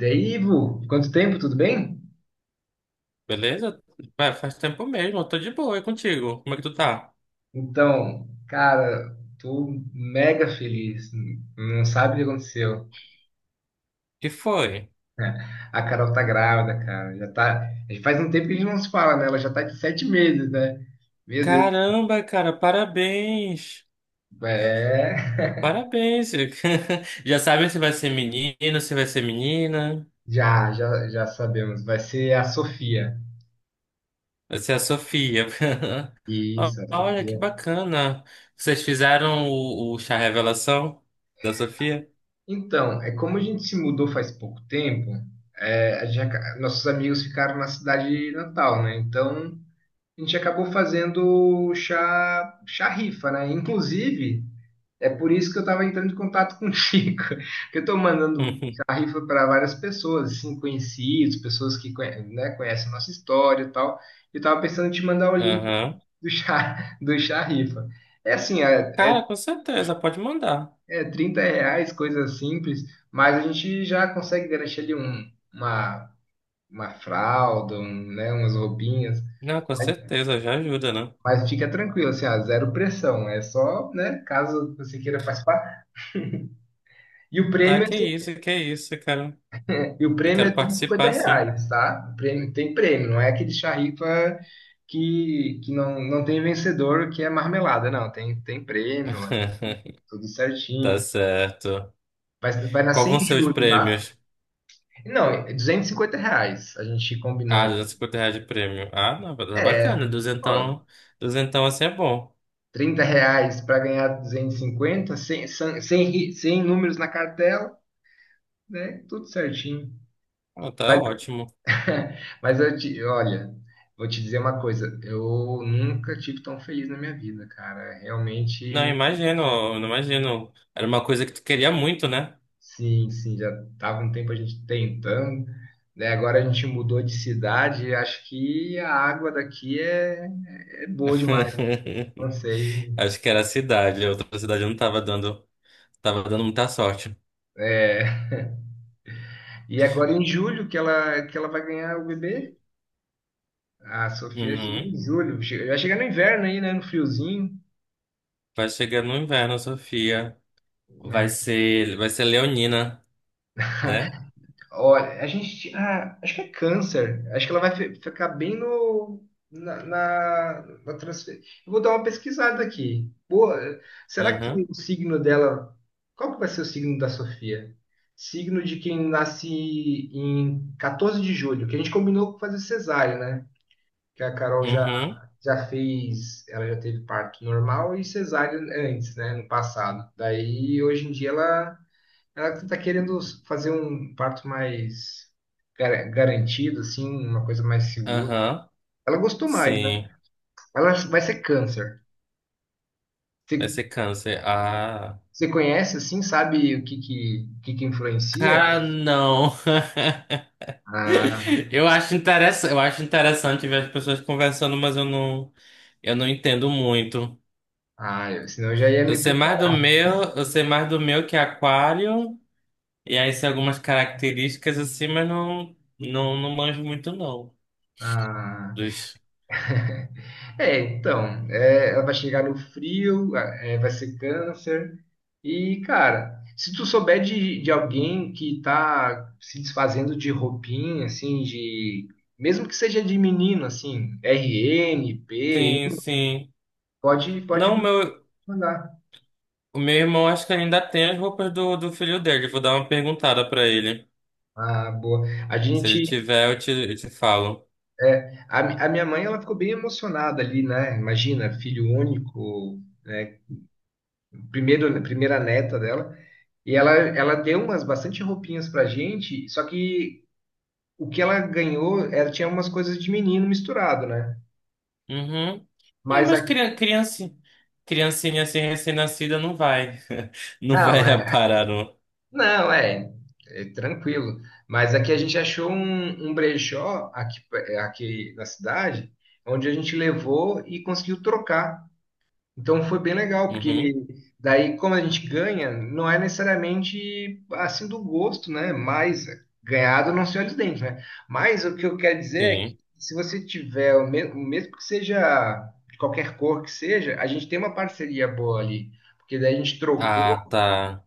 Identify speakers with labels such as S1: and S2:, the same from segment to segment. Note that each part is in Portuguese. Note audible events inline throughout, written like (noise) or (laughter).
S1: E aí, Ivo, quanto tempo, tudo bem?
S2: Beleza? Ué, faz tempo mesmo, eu tô de boa, é contigo. Como é que tu tá?
S1: Então, cara, tô mega feliz. Não sabe o que aconteceu.
S2: Que foi?
S1: (laughs) A Carol tá grávida, cara. Já tá. Faz um tempo que a gente não se fala, né? Ela já tá de 7 meses, né? Meu Deus.
S2: Caramba, cara, parabéns!
S1: É.
S2: Parabéns! (laughs) Já sabem se vai ser menino, se vai ser menina.
S1: Já sabemos. Vai ser a Sofia.
S2: Vai ser a Sofia. (laughs) Ó,
S1: Isso, a
S2: Olha que
S1: Sofia.
S2: bacana. Vocês fizeram o chá revelação da Sofia?
S1: Então, é como a gente se mudou faz pouco tempo, nossos amigos ficaram na cidade natal, né? Então. A gente acabou fazendo chá rifa, né? Inclusive, é por isso que eu estava entrando em contato com o Chico, (laughs) que eu estou mandando
S2: (laughs)
S1: chá rifa para várias pessoas, assim, conhecidos, pessoas que conhecem a nossa história e tal. Eu estava pensando em te mandar o link
S2: Aham.
S1: do chá, (laughs) do chá rifa. É assim,
S2: Cara, com certeza, pode mandar.
S1: é R$ 30, coisa simples, mas a gente já consegue garantir ali uma fralda, umas roupinhas.
S2: Não, com certeza, já ajuda, né?
S1: Mas fica tranquilo, assim, ó, zero pressão. É só, né, caso você queira participar. E o
S2: Ah,
S1: prêmio, é assim,
S2: que isso, cara.
S1: e o
S2: Eu
S1: prêmio é
S2: quero
S1: R$ 50
S2: participar, sim.
S1: reais, tá? Tem prêmio, não é aquele charripa que não tem vencedor, que é marmelada, não. Tem prêmio, é
S2: (laughs)
S1: tudo
S2: Tá
S1: certinho.
S2: certo.
S1: Vai
S2: Qual
S1: nascer
S2: vão
S1: em
S2: ser os
S1: julho, tá?
S2: prêmios?
S1: Não, é R$ 250, a gente
S2: Ah,
S1: combinou.
S2: R$ 250 de prêmio. Ah, não, tá
S1: É,
S2: bacana.
S1: ó,
S2: Duzentão, duzentão assim é bom.
S1: R$ 30 para ganhar 250, 100 números na cartela, né? Tudo certinho.
S2: Ah, tá ótimo.
S1: (laughs) Mas olha, vou te dizer uma coisa, eu nunca tive tão feliz na minha vida, cara.
S2: Não,
S1: Realmente,
S2: imagino, eu não imagino. Era uma coisa que tu queria muito, né?
S1: sim, sim, já tava um tempo a gente tentando, né? Agora a gente mudou de cidade, e acho que a água daqui é boa demais, não
S2: (laughs)
S1: sei.
S2: Acho que era a cidade. A outra cidade não tava dando, tava dando muita sorte.
S1: É, e agora em julho que ela vai ganhar o bebê, a Sofia chega em
S2: Uhum.
S1: julho. Vai chegar no inverno aí, né? No friozinho.
S2: Vai chegar no inverno, Sofia.
S1: Né?
S2: Vai ser Leonina, né?
S1: Olha, a gente. Ah, acho que é câncer. Acho que ela vai ficar bem no. Na transfer... Eu vou dar uma pesquisada aqui. Boa. Será que
S2: Uhum.
S1: o signo dela. Qual que vai ser o signo da Sofia? Signo de quem nasce em 14 de julho, que a gente combinou com fazer cesárea, né? Que a Carol já,
S2: Uhum.
S1: já fez. Ela já teve parto normal e cesárea antes, né? No passado. Daí, hoje em dia, ela. Ela tá querendo fazer um parto mais garantido, assim, uma coisa mais segura.
S2: Aham.
S1: Ela gostou mais, né?
S2: Sim.
S1: Ela vai ser câncer.
S2: Vai
S1: Você
S2: ser câncer. Ah.
S1: você conhece, assim, sabe o que que influencia?
S2: Cara, não. (laughs)
S1: Ah,
S2: Eu acho interessante ver as pessoas conversando, mas eu não entendo muito.
S1: ah, senão eu já ia
S2: Eu
S1: me...
S2: sei
S1: pre-
S2: mais do meu, eu sei mais do meu que é aquário, e aí sei algumas características assim, mas não, não, não manjo muito não.
S1: Ah,
S2: Dos-
S1: é, então, ela vai chegar no frio, vai ser câncer. E, cara, se tu souber de alguém que tá se desfazendo de roupinha, assim, de. Mesmo que seja de menino, assim, RN, P,
S2: Sim, sim.
S1: pode
S2: Não, meu,
S1: mandar.
S2: o meu irmão acho que ainda tem as roupas do filho dele. Vou dar uma perguntada pra ele.
S1: Ah, boa. A
S2: Se ele
S1: gente.
S2: tiver, eu te falo.
S1: A minha mãe, ela ficou bem emocionada ali, né? Imagina, filho único, né? Primeira neta dela. E ela deu umas bastante roupinhas pra gente, só que o que ela ganhou, ela tinha umas coisas de menino misturado, né?
S2: Uhum. É,
S1: Mas
S2: mas
S1: a...
S2: criança, criancinha assim recém-nascida não vai. (laughs) Não
S1: não,
S2: vai
S1: é,
S2: parar no.
S1: não, é tranquilo. Mas aqui a gente achou um brechó aqui na cidade, onde a gente levou e conseguiu trocar. Então foi bem legal, porque
S2: Uhum,
S1: daí como a gente ganha, não é necessariamente assim do gosto, né? Mas ganhado não se olha os dentes, né? Mas o que eu quero dizer é que
S2: sim.
S1: se você tiver, mesmo que seja de qualquer cor que seja, a gente tem uma parceria boa ali. Porque daí a gente trocou,
S2: Ah, tá.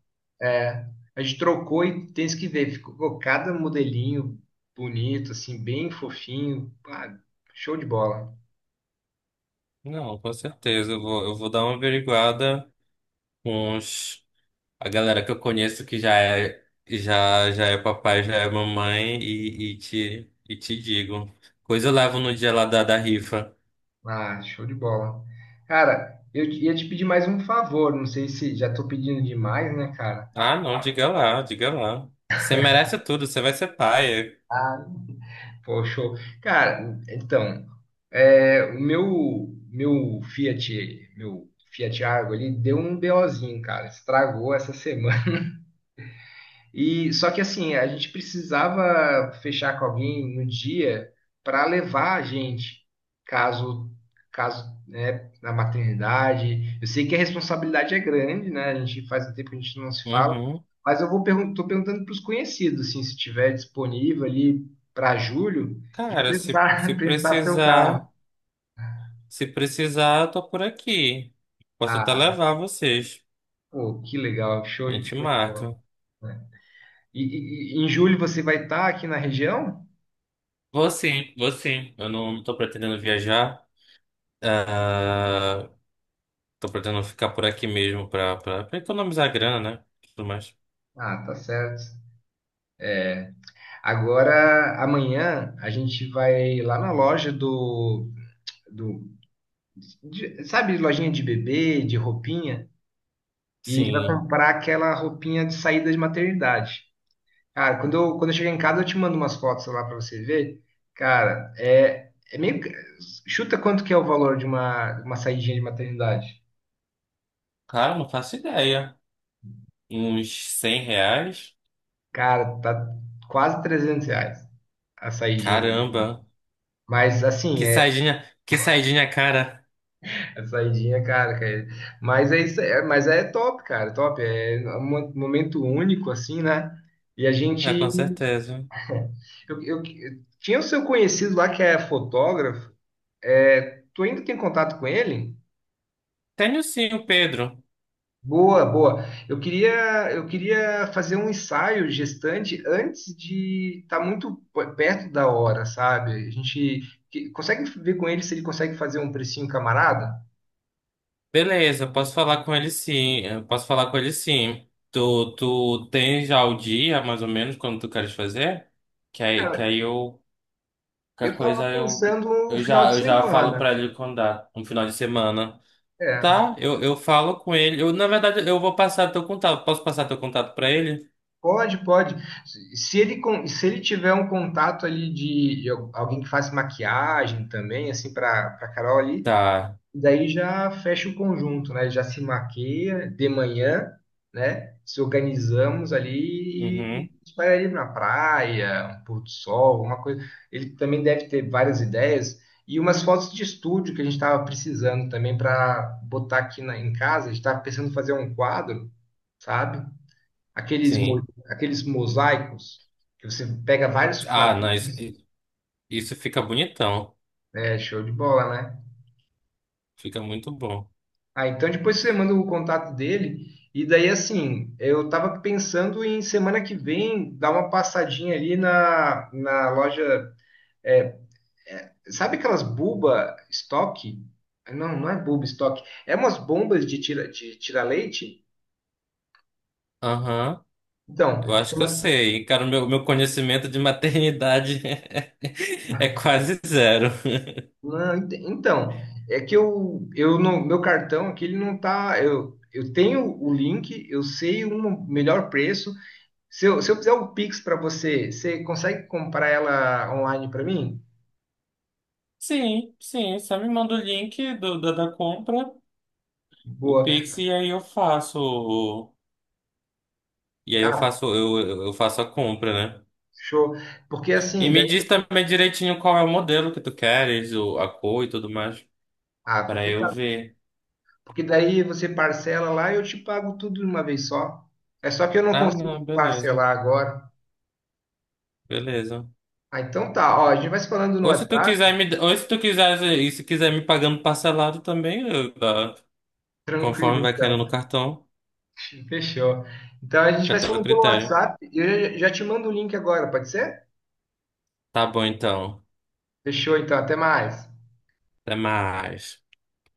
S1: a gente trocou e tem isso que ver, ficou cada modelinho bonito, assim, bem fofinho, pá, show de bola.
S2: Não, com certeza. Eu vou dar uma averiguada com a galera que eu conheço que já é, já, já é papai, já é mamãe e, e te digo. Coisa eu levo no dia lá da rifa.
S1: Ah, show de bola. Cara, ia te pedir mais um favor, não sei se já tô pedindo demais, né, cara?
S2: Ah, não, diga lá, diga lá. Você merece tudo, você vai ser pai.
S1: Ah, pô, show. Cara, então, o meu, meu Fiat Argo ali deu um BOzinho, cara. Estragou essa semana. E só que assim, a gente precisava fechar com alguém no dia para levar a gente, caso caso, né, na maternidade. Eu sei que a responsabilidade é grande, né? A gente faz um tempo que a gente não se fala,
S2: Uhum.
S1: mas eu vou pergun tô perguntando para os conhecidos, assim, se tiver disponível ali para julho, de
S2: Cara, se
S1: prestar (laughs) prestar seu
S2: precisar.
S1: carro.
S2: Se precisar, eu tô por aqui. Posso até
S1: Ah,
S2: levar vocês.
S1: pô, que legal, show,
S2: A gente
S1: show de bola.
S2: marca.
S1: Né? E em julho você vai estar aqui na região?
S2: Vou sim, vou sim. Eu não tô pretendendo viajar. Ah, tô pretendendo ficar por aqui mesmo pra, pra, pra economizar grana, né? Tudo mais.
S1: Ah, tá certo. Agora, amanhã, a gente vai lá na loja do sabe, lojinha de bebê, de roupinha, e a gente vai
S2: Sim.
S1: comprar aquela roupinha de saída de maternidade. Cara, quando eu chegar em casa, eu te mando umas fotos lá pra você ver. Cara, chuta quanto que é o valor de uma saidinha de maternidade.
S2: Cara, não faço ideia. Uns R$ 100?
S1: Cara, tá quase R$ 300 a saidinha.
S2: Caramba.
S1: Mas, assim,
S2: Que saidinha cara.
S1: a saidinha, cara, cara. Mas é isso, mas é top, cara, top. É um momento único, assim, né? E a
S2: É, com
S1: gente.
S2: certeza.
S1: Eu tinha o seu conhecido lá que é fotógrafo. É, tu ainda tem contato com ele?
S2: Tenho sim o Pedro.
S1: Boa, boa. Eu queria fazer um ensaio gestante antes de estar muito perto da hora, sabe? A gente consegue ver com ele se ele consegue fazer um precinho camarada?
S2: Beleza, eu posso falar com ele sim. Eu posso falar com ele sim. Tu tem já o dia, mais ou menos, quando tu queres fazer? Que aí, que
S1: Cara,
S2: aí eu.
S1: eu
S2: Qualquer
S1: tava
S2: coisa eu,
S1: pensando no
S2: eu
S1: final
S2: já,
S1: de
S2: eu já falo pra
S1: semana.
S2: ele quando dá, um final de semana.
S1: É.
S2: Tá, eu falo com ele. Eu, na verdade, eu vou passar teu contato. Posso passar teu contato pra ele?
S1: Pode, pode. Se ele tiver um contato ali alguém que faz maquiagem também, assim, para Carol ali,
S2: Tá.
S1: daí já fecha o conjunto, né? Já se maquia de manhã, né? Se organizamos ali
S2: Uhum.
S1: e a gente vai ali na praia, um pôr do sol, uma coisa. Ele também deve ter várias ideias e umas fotos de estúdio que a gente estava precisando também para botar aqui em casa. A gente estava pensando em fazer um quadro, sabe? Aqueles, mo-
S2: Sim.
S1: aqueles mosaicos que você pega vários
S2: Ah, não, isso,
S1: quadrinhos.
S2: isso fica bonitão.
S1: É, show de bola, né?
S2: Fica muito bom.
S1: Ah, então depois você manda o contato dele. E daí, assim, eu tava pensando em semana que vem dar uma passadinha ali na loja. é, sabe aquelas buba estoque? Não, não é buba estoque. É umas bombas de tira leite?
S2: Aham.
S1: Então,
S2: Eu acho que eu sei. Cara, o meu, meu conhecimento de maternidade (laughs) é, quase zero.
S1: não, então, é que eu não, meu cartão aqui ele não tá. Eu tenho o link, eu sei um melhor preço. Se eu fizer o Pix para você, você consegue comprar ela online para mim?
S2: Sim, sim. Só me manda o link do, da compra, o
S1: Boa.
S2: Pix, e aí eu faço. O- E aí eu
S1: Ah,
S2: faço, eu, eu faço a compra, né?
S1: show. Porque
S2: E
S1: assim,
S2: me
S1: daí,
S2: diz também direitinho qual é o modelo que tu queres, o, a cor e tudo mais, para eu
S1: fechado.
S2: ver.
S1: Porque daí você parcela lá e eu te pago tudo de uma vez só. É só que eu não
S2: Ah,
S1: consigo
S2: não, beleza,
S1: parcelar agora.
S2: beleza.
S1: Ah, então tá. Ó, a gente vai se falando no
S2: Ou se tu quiser
S1: WhatsApp.
S2: me, ou se tu quiser, e se quiser me pagando parcelado também, eu- tá,
S1: Tranquilo,
S2: conforme vai caindo
S1: então.
S2: no cartão.
S1: Fechou. Então a gente
S2: Fica
S1: vai se
S2: teu
S1: falando pelo
S2: critério.
S1: WhatsApp e eu já te mando o link agora, pode ser?
S2: Tá bom, então.
S1: Fechou, então, até mais.
S2: Até mais.